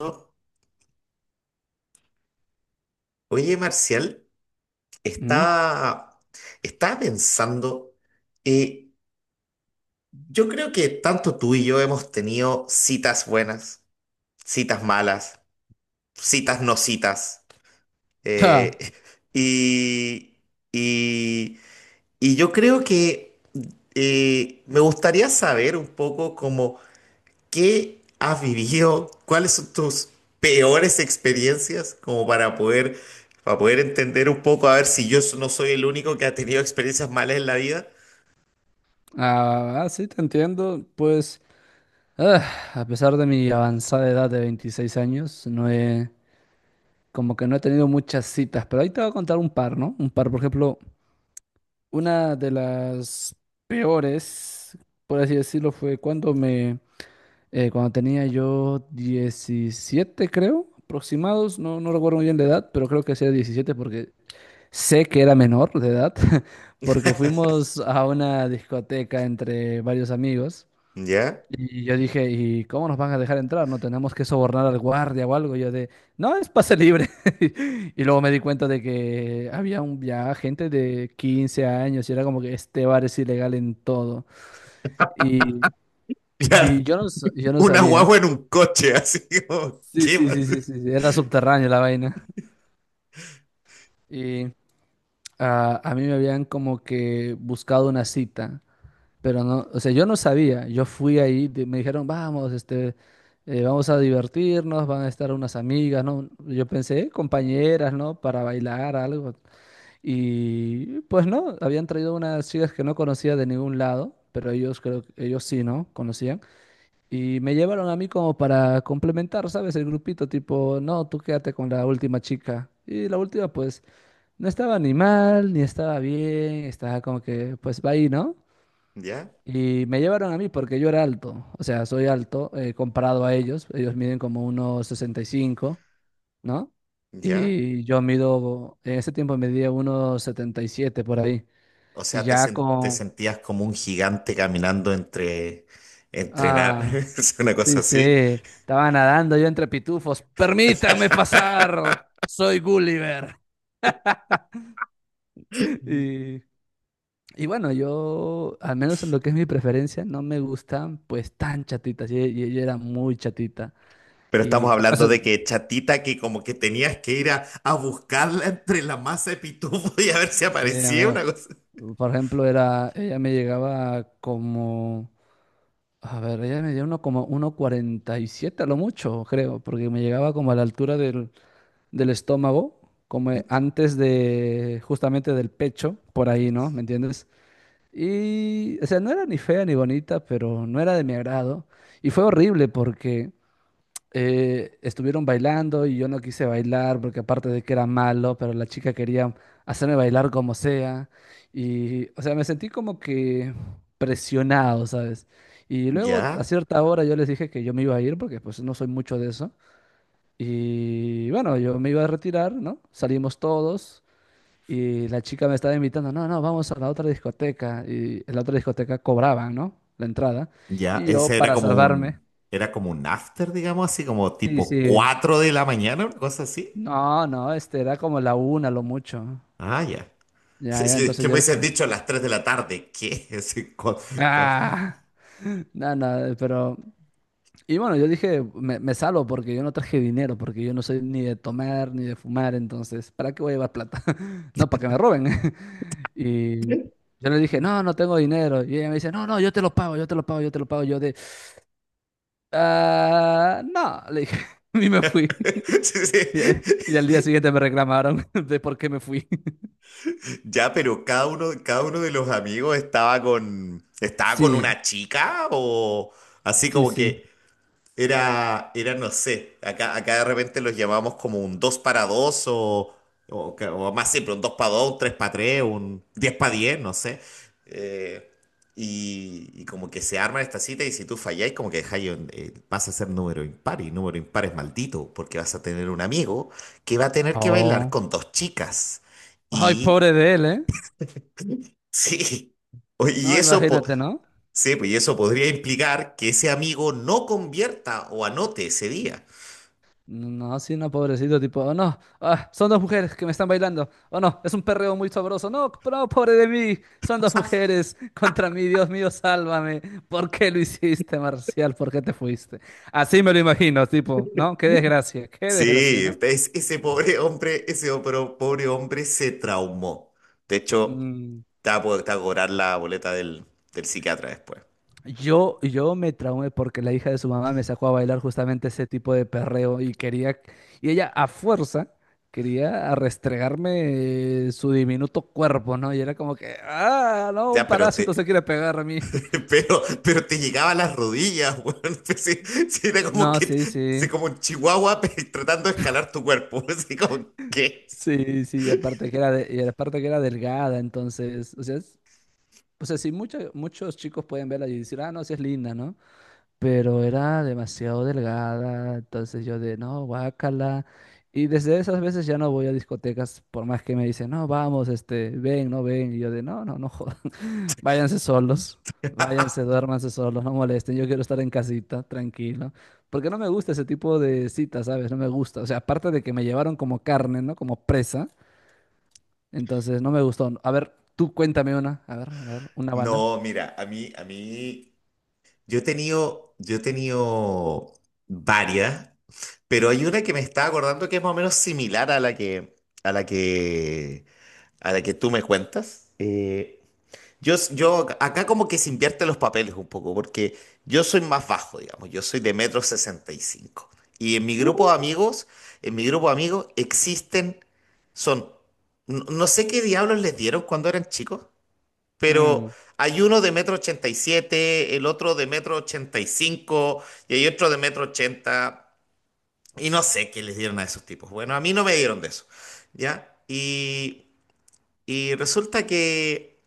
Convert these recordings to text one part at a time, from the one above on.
No. Oye, Marcial, Mm, estaba, estaba pensando, eh, yo creo que tanto tú y yo hemos tenido citas buenas, citas malas, citas no citas. ta. eh, y, y, y yo creo que me gustaría saber un poco cómo... ¿Qué has vivido? ¿Cuáles son tus peores experiencias? Como para poder entender un poco, a ver si yo no soy el único que ha tenido experiencias malas en la vida. Ah, sí, te entiendo. Pues, ah, a pesar de mi avanzada edad de 26 años, como que no he tenido muchas citas, pero ahí te voy a contar un par, ¿no? Un par, por ejemplo, una de las peores, por así decirlo, fue cuando cuando tenía yo 17, creo, aproximados, no, no recuerdo muy bien la edad, pero creo que sea 17 porque sé que era menor de edad porque fuimos a una discoteca entre varios amigos ¿Ya? y yo dije, ¿y cómo nos van a dejar entrar? ¿No tenemos que sobornar al guardia o algo? Yo de, no, es pase libre. Y luego me di cuenta de que había un, ya gente de 15 años y era como que este bar es ilegal en todo. Y, Claro, y yo no una sabía. guagua en un coche, así como, Sí, ¿qué sí, más? sí, sí, sí, sí, era subterráneo la vaina. Y a mí me habían como que buscado una cita. Pero no, o sea, yo no sabía, yo fui ahí, me dijeron, vamos a divertirnos, van a estar unas amigas, ¿no? Yo pensé, Compañeras, ¿no? Para bailar algo." Y pues no, habían traído unas chicas que no conocía de ningún lado, pero ellos creo, ellos sí, ¿no? Conocían. Y me llevaron a mí como para complementar, ¿sabes? El grupito, tipo, no, tú quédate con la última chica. Y la última, pues, no estaba ni mal, ni estaba bien, estaba como que, pues, va ahí, ¿no? ¿Ya? Y me llevaron a mí porque yo era alto, o sea, soy alto comparado a ellos, ellos miden como unos 65, ¿no? ¿Ya? Y yo mido, en ese tiempo medía unos 77 por ahí, O y sea, te, ya sen- te con, sentías como un gigante caminando entre, entrenar, ah, es una cosa sí, sí, así. estaba nadando yo entre pitufos, permítanme pasar, soy Gulliver. Y, y bueno, yo, al menos en lo que es mi preferencia, no me gustan pues tan chatitas, yo era muy chatita, Pero estamos y... eso. hablando de que chatita que como que tenías que ir a buscarla entre la masa de pitufo y a ver si Sí, aparecía amigo. una cosa. Por ejemplo, era, ella me llegaba como, a ver, ella me dio uno como 1,47 a lo mucho, creo, porque me llegaba como a la altura del, del estómago, como antes de, justamente del pecho, por ahí, ¿no? ¿Me entiendes? Y, o sea, no era ni fea ni bonita, pero no era de mi agrado. Y fue horrible porque estuvieron bailando y yo no quise bailar porque aparte de que era malo, pero la chica quería hacerme bailar como sea. Y, o sea, me sentí como que presionado, ¿sabes? Y luego Ya, a cierta hora yo les dije que yo me iba a ir porque pues no soy mucho de eso. Y bueno, yo me iba a retirar, ¿no? Salimos todos y la chica me estaba invitando, no, no, vamos a la otra discoteca. Y en la otra discoteca cobraban, ¿no? La entrada. ya, Y yo ese para salvarme, era como un after, digamos así, como sí, tipo sí, 4 de la mañana, una cosa así. no, no, este era como la una, lo mucho. Ah, ya. Ya, Sí, ya, sí, es entonces que me yo... le- hubiesen dicho a las 3 de la tarde, ¿qué? Sí, cu- cu- ¡Ah! Nada, nada, pero... Y bueno, yo dije, me salvo porque yo no traje dinero, porque yo no soy ni de tomar ni de fumar, entonces, ¿para qué voy a llevar plata? No, para que me roben. Y yo le dije, no, no tengo dinero. Y ella me dice, no, no, yo te lo pago, yo te lo pago, yo te lo pago. Yo de, ah, no, le dije, y me fui. Sí, Y, eh, sí. y al día siguiente me reclamaron de por qué me fui. Ya, pero cada uno de los amigos estaba con Sí, una chica o así sí, como sí. que... Era, era, no sé, acá, acá de repente los llamamos como un 2 para 2 o, ca- o más siempre, un 2 para dos, un tres para tres, un 10 para diez, no sé. Eh, y como que se arma esta cita y si tú falláis, como que dejáis, un- vas a ser número impar y número impar es maldito porque vas a tener un amigo que va a tener que bailar Oh. con dos chicas. Ay, Y pobre de él, ¿eh? sí, oye, y No, eso... po- imagínate, ¿no? Sí, pues y eso podría implicar que ese amigo no convierta o anote ese día. No, sí, no, pobrecito, tipo, oh no, ah, son dos mujeres que me están bailando, oh no, es un perreo muy sabroso, no, no, pobre de mí, son dos mujeres contra mí, Dios mío, sálvame, ¿por qué lo hiciste, Marcial? ¿Por qué te fuiste? Así me lo imagino, tipo, ¿no? Qué desgracia, Sí, ¿no? es- ese pobre hombre, ese opro- pobre hombre se traumó. De hecho, Mm. te va a po- te va a cobrar la boleta del, del psiquiatra después. Yo me traumé porque la hija de su mamá me sacó a bailar justamente ese tipo de perreo y quería, y ella a fuerza quería restregarme su diminuto cuerpo, ¿no? Y era como que, ah, no, un Ya, pero parásito se te, quiere pegar a mí. Pero te llegaba a las rodillas, weón. Pues sí, sí, era como No, que, sí, sí, sí, como un chihuahua pe- tratando de escalar tu cuerpo. Así como, ¿qué? sí, sí, y aparte que era, de- y aparte que era delgada, entonces, o sea, o sea, sí, muchos chicos pueden verla y decir, ah, no, sí es linda, ¿no? Pero era demasiado delgada, entonces yo de, no, guácala. Y desde esas veces ya no voy a discotecas, por más que me dicen, no, vamos, este, ven, no ven. Y yo de, no, no, no jodan, váyanse solos, váyanse, duérmanse solos, no molesten, yo quiero estar en casita, tranquilo. Porque no me gusta ese tipo de citas, ¿sabes? No me gusta. O sea, aparte de que me llevaron como carne, ¿no? Como presa, entonces no me gustó. A ver, tú cuéntame una, a ver, una banda. No, mira, yo he tenido varias. Pero hay una que me estaba acordando que es más o menos similar a la que, a la que, a la que tú me cuentas. Yo, acá como que se invierten los papeles un poco, porque yo soy más bajo, digamos, yo soy de metro 65 y en mi grupo de Uh. amigos, en mi grupo de amigos existen, son, no, no sé qué diablos les dieron cuando eran chicos, pero Mm, hay uno de metro 87, el otro de metro 85 y cinco, y hay otro de metro 80, y no sé qué les dieron a esos tipos. Bueno, a mí no me dieron de eso, ¿ya? Y resulta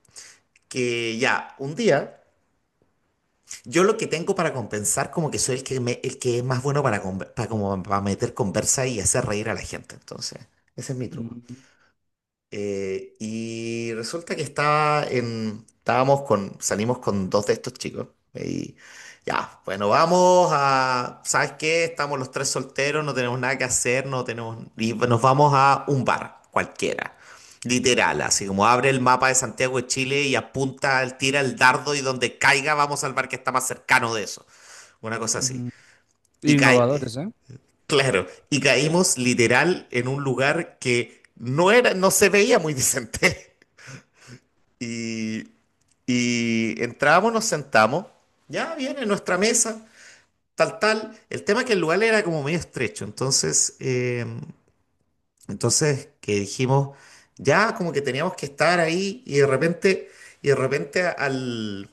que ya, un día, yo lo que tengo para compensar como que soy el que, me- el que es más bueno para, conver- para, como, para meter conversa y hacer reír a la gente. Entonces, ese es mi truco. mm, Y resulta que estaba en, estábamos con, salimos con dos de estos chicos. Y ya, bueno, vamos a, ¿sabes qué? Estamos los tres solteros, no tenemos nada que hacer, no tenemos, y nos vamos a un bar cualquiera. Literal, así como abre el mapa de Santiago de Chile y apunta, tira el dardo y donde caiga vamos al bar que está más cercano de eso. Una cosa así. ujú. Y cae, Innovadores, ¿eh? claro, y caímos literal en un lugar que no era, no se veía muy decente. Y, y entramos, nos sentamos, ya viene nuestra mesa, tal, tal. El tema es que el lugar era como medio estrecho, entonces, entonces que dijimos, ya como que teníamos que estar ahí y de repente, y de repente al,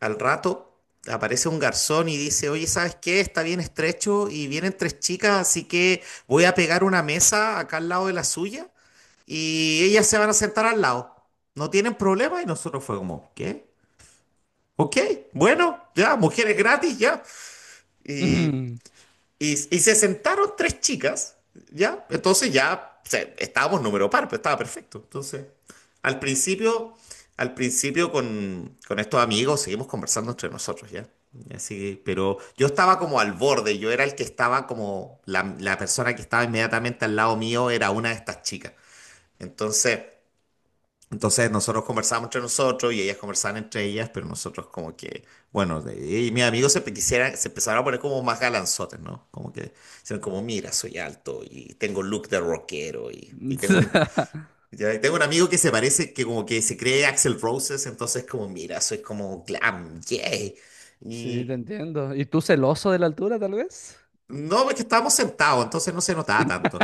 al rato aparece un garzón y dice, oye, ¿sabes qué? Está bien estrecho y vienen tres chicas, así que voy a pegar una mesa acá al lado de la suya y ellas se van a sentar al lado. No tienen problema y nosotros fue como, ¿qué? Ok, bueno, ya, mujeres gratis, ya. Y, Ujú. Y se sentaron tres chicas, ya. Entonces ya se- estábamos número par, pero estaba perfecto. Entonces, al principio, al principio con estos amigos seguimos conversando entre nosotros, ya. Así que, pero yo estaba como al borde, yo era el que estaba como, la persona que estaba inmediatamente al lado mío era una de estas chicas. Entonces... Entonces nosotros conversamos entre nosotros y ellas conversaban entre ellas, pero nosotros como que, bueno, de- y mis amigos se quisieran, se empezaron a poner como más galanzotes, ¿no? Como que, hicieron como, mira, soy alto y tengo look de rockero y tengo un, ya- y tengo un amigo que se parece, que como que se cree Axel Roses, entonces como, mira, soy como glam, yeah. Sí, te Y entiendo. ¿Y tú celoso de la altura, tal vez? no, porque estábamos sentados, entonces no se notaba tanto.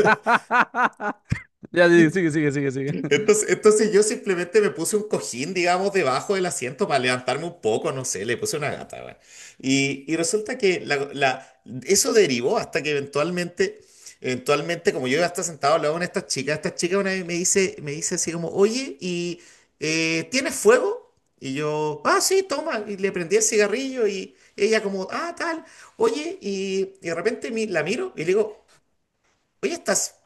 Ya, sí, sigue, sigue, sigue, sigue. Entonces, entonces yo simplemente me puse un cojín, digamos, debajo del asiento para levantarme un poco, no sé, le puse una gata, weón. Y resulta que la- la- eso derivó hasta que eventualmente, como yo iba a estar sentado al lado de una de estas chicas, esta chica una vez me dice así como, oye, ¿y tienes fuego? Y yo, ah, sí, toma, y le prendí el cigarrillo y ella como, ah, tal, oye, y de repente mi- la miro y le digo, oye, ¿estás,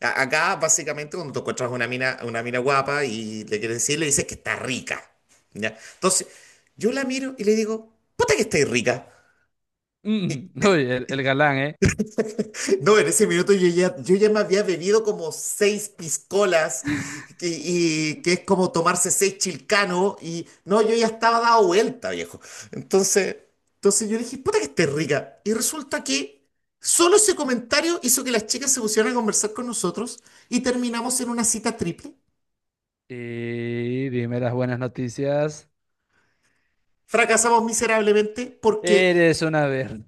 a- Acá, básicamente, cuando tú encuentras una mina guapa y le quieres decir, le dices que está rica. ¿Ya? Entonces, yo la miro y le digo, puta que estáis rica. Mm. Uy, el galán, ¿eh? No, en ese minuto yo ya me había bebido como seis piscolas, que, y, que es como tomarse seis chilcanos, y no, yo ya estaba dado vuelta, viejo. Entonces, entonces yo le dije, puta que estáis rica. Y resulta que solo ese comentario hizo que las chicas se pusieran a conversar con nosotros y terminamos en una cita triple. Y dime las buenas noticias. Fracasamos miserablemente porque, Eres una verde.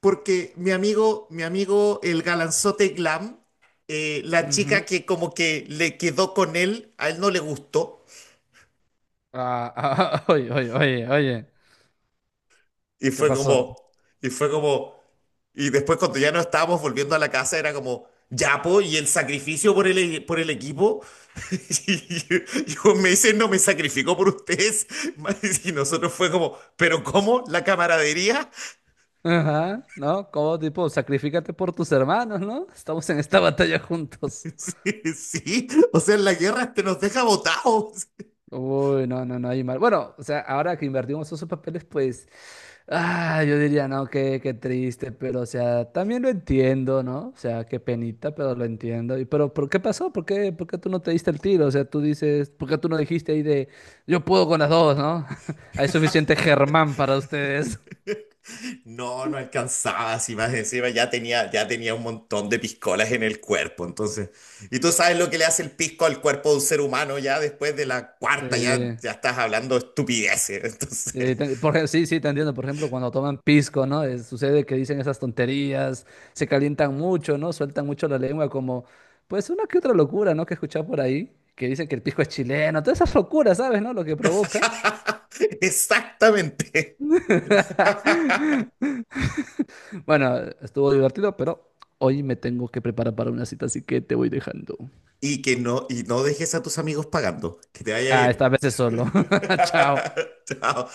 porque mi amigo, el galanzote glam, la Ujú. chica que como que le quedó con él, a él no le gustó. Ah, ah, ah, oye, oye, oye, oye. Y ¿Qué fue pasó? como, y fue como, y después cuando ya no estábamos volviendo a la casa era como, ya po, y el sacrificio por el, e-, por el equipo. Y yo me dice, no me sacrificó por ustedes. Y nosotros fue como, ¿pero cómo? ¿La camaradería? Ajá, ¿no? Como tipo, sacrifícate por tus hermanos, ¿no? Estamos en esta batalla juntos. Sí, sí. O sea, en la guerra te nos deja botados. Uy, no, no, no hay mal. Bueno, o sea, ahora que invertimos esos papeles, pues, yo diría, no, qué, qué triste, pero, o sea, también lo entiendo, ¿no? O sea, qué penita, pero lo entiendo. Y, pero, ¿por qué pasó? Por qué tú no te diste el tiro? O sea, tú dices, ¿por qué tú no dijiste ahí de, yo puedo con las dos, ¿no? Hay suficiente Germán para ustedes. No, no alcanzaba, si más encima ya tenía un montón de piscolas en el cuerpo, entonces. Y tú sabes lo que le hace el pisco al cuerpo de un ser humano ya después de la cuarta, ya, Sí. ya estás hablando estupideces, entonces. Sí, sí, sí, te entiendo. Por ejemplo, cuando toman pisco, ¿no? Sucede que dicen esas tonterías, se calientan mucho, ¿no? Sueltan mucho la lengua, como, pues una que otra locura, ¿no? Que he escuchado por ahí, que dicen que el pisco es chileno, todas esas locuras, ¿sabes, no? Lo que provoca. Exactamente. Bueno, estuvo divertido, pero hoy me tengo que preparar para una cita, así que te voy dejando. Y que no, y no dejes a tus amigos pagando. Que te vaya Ah, bien. esta vez es solo. Chao. Chao.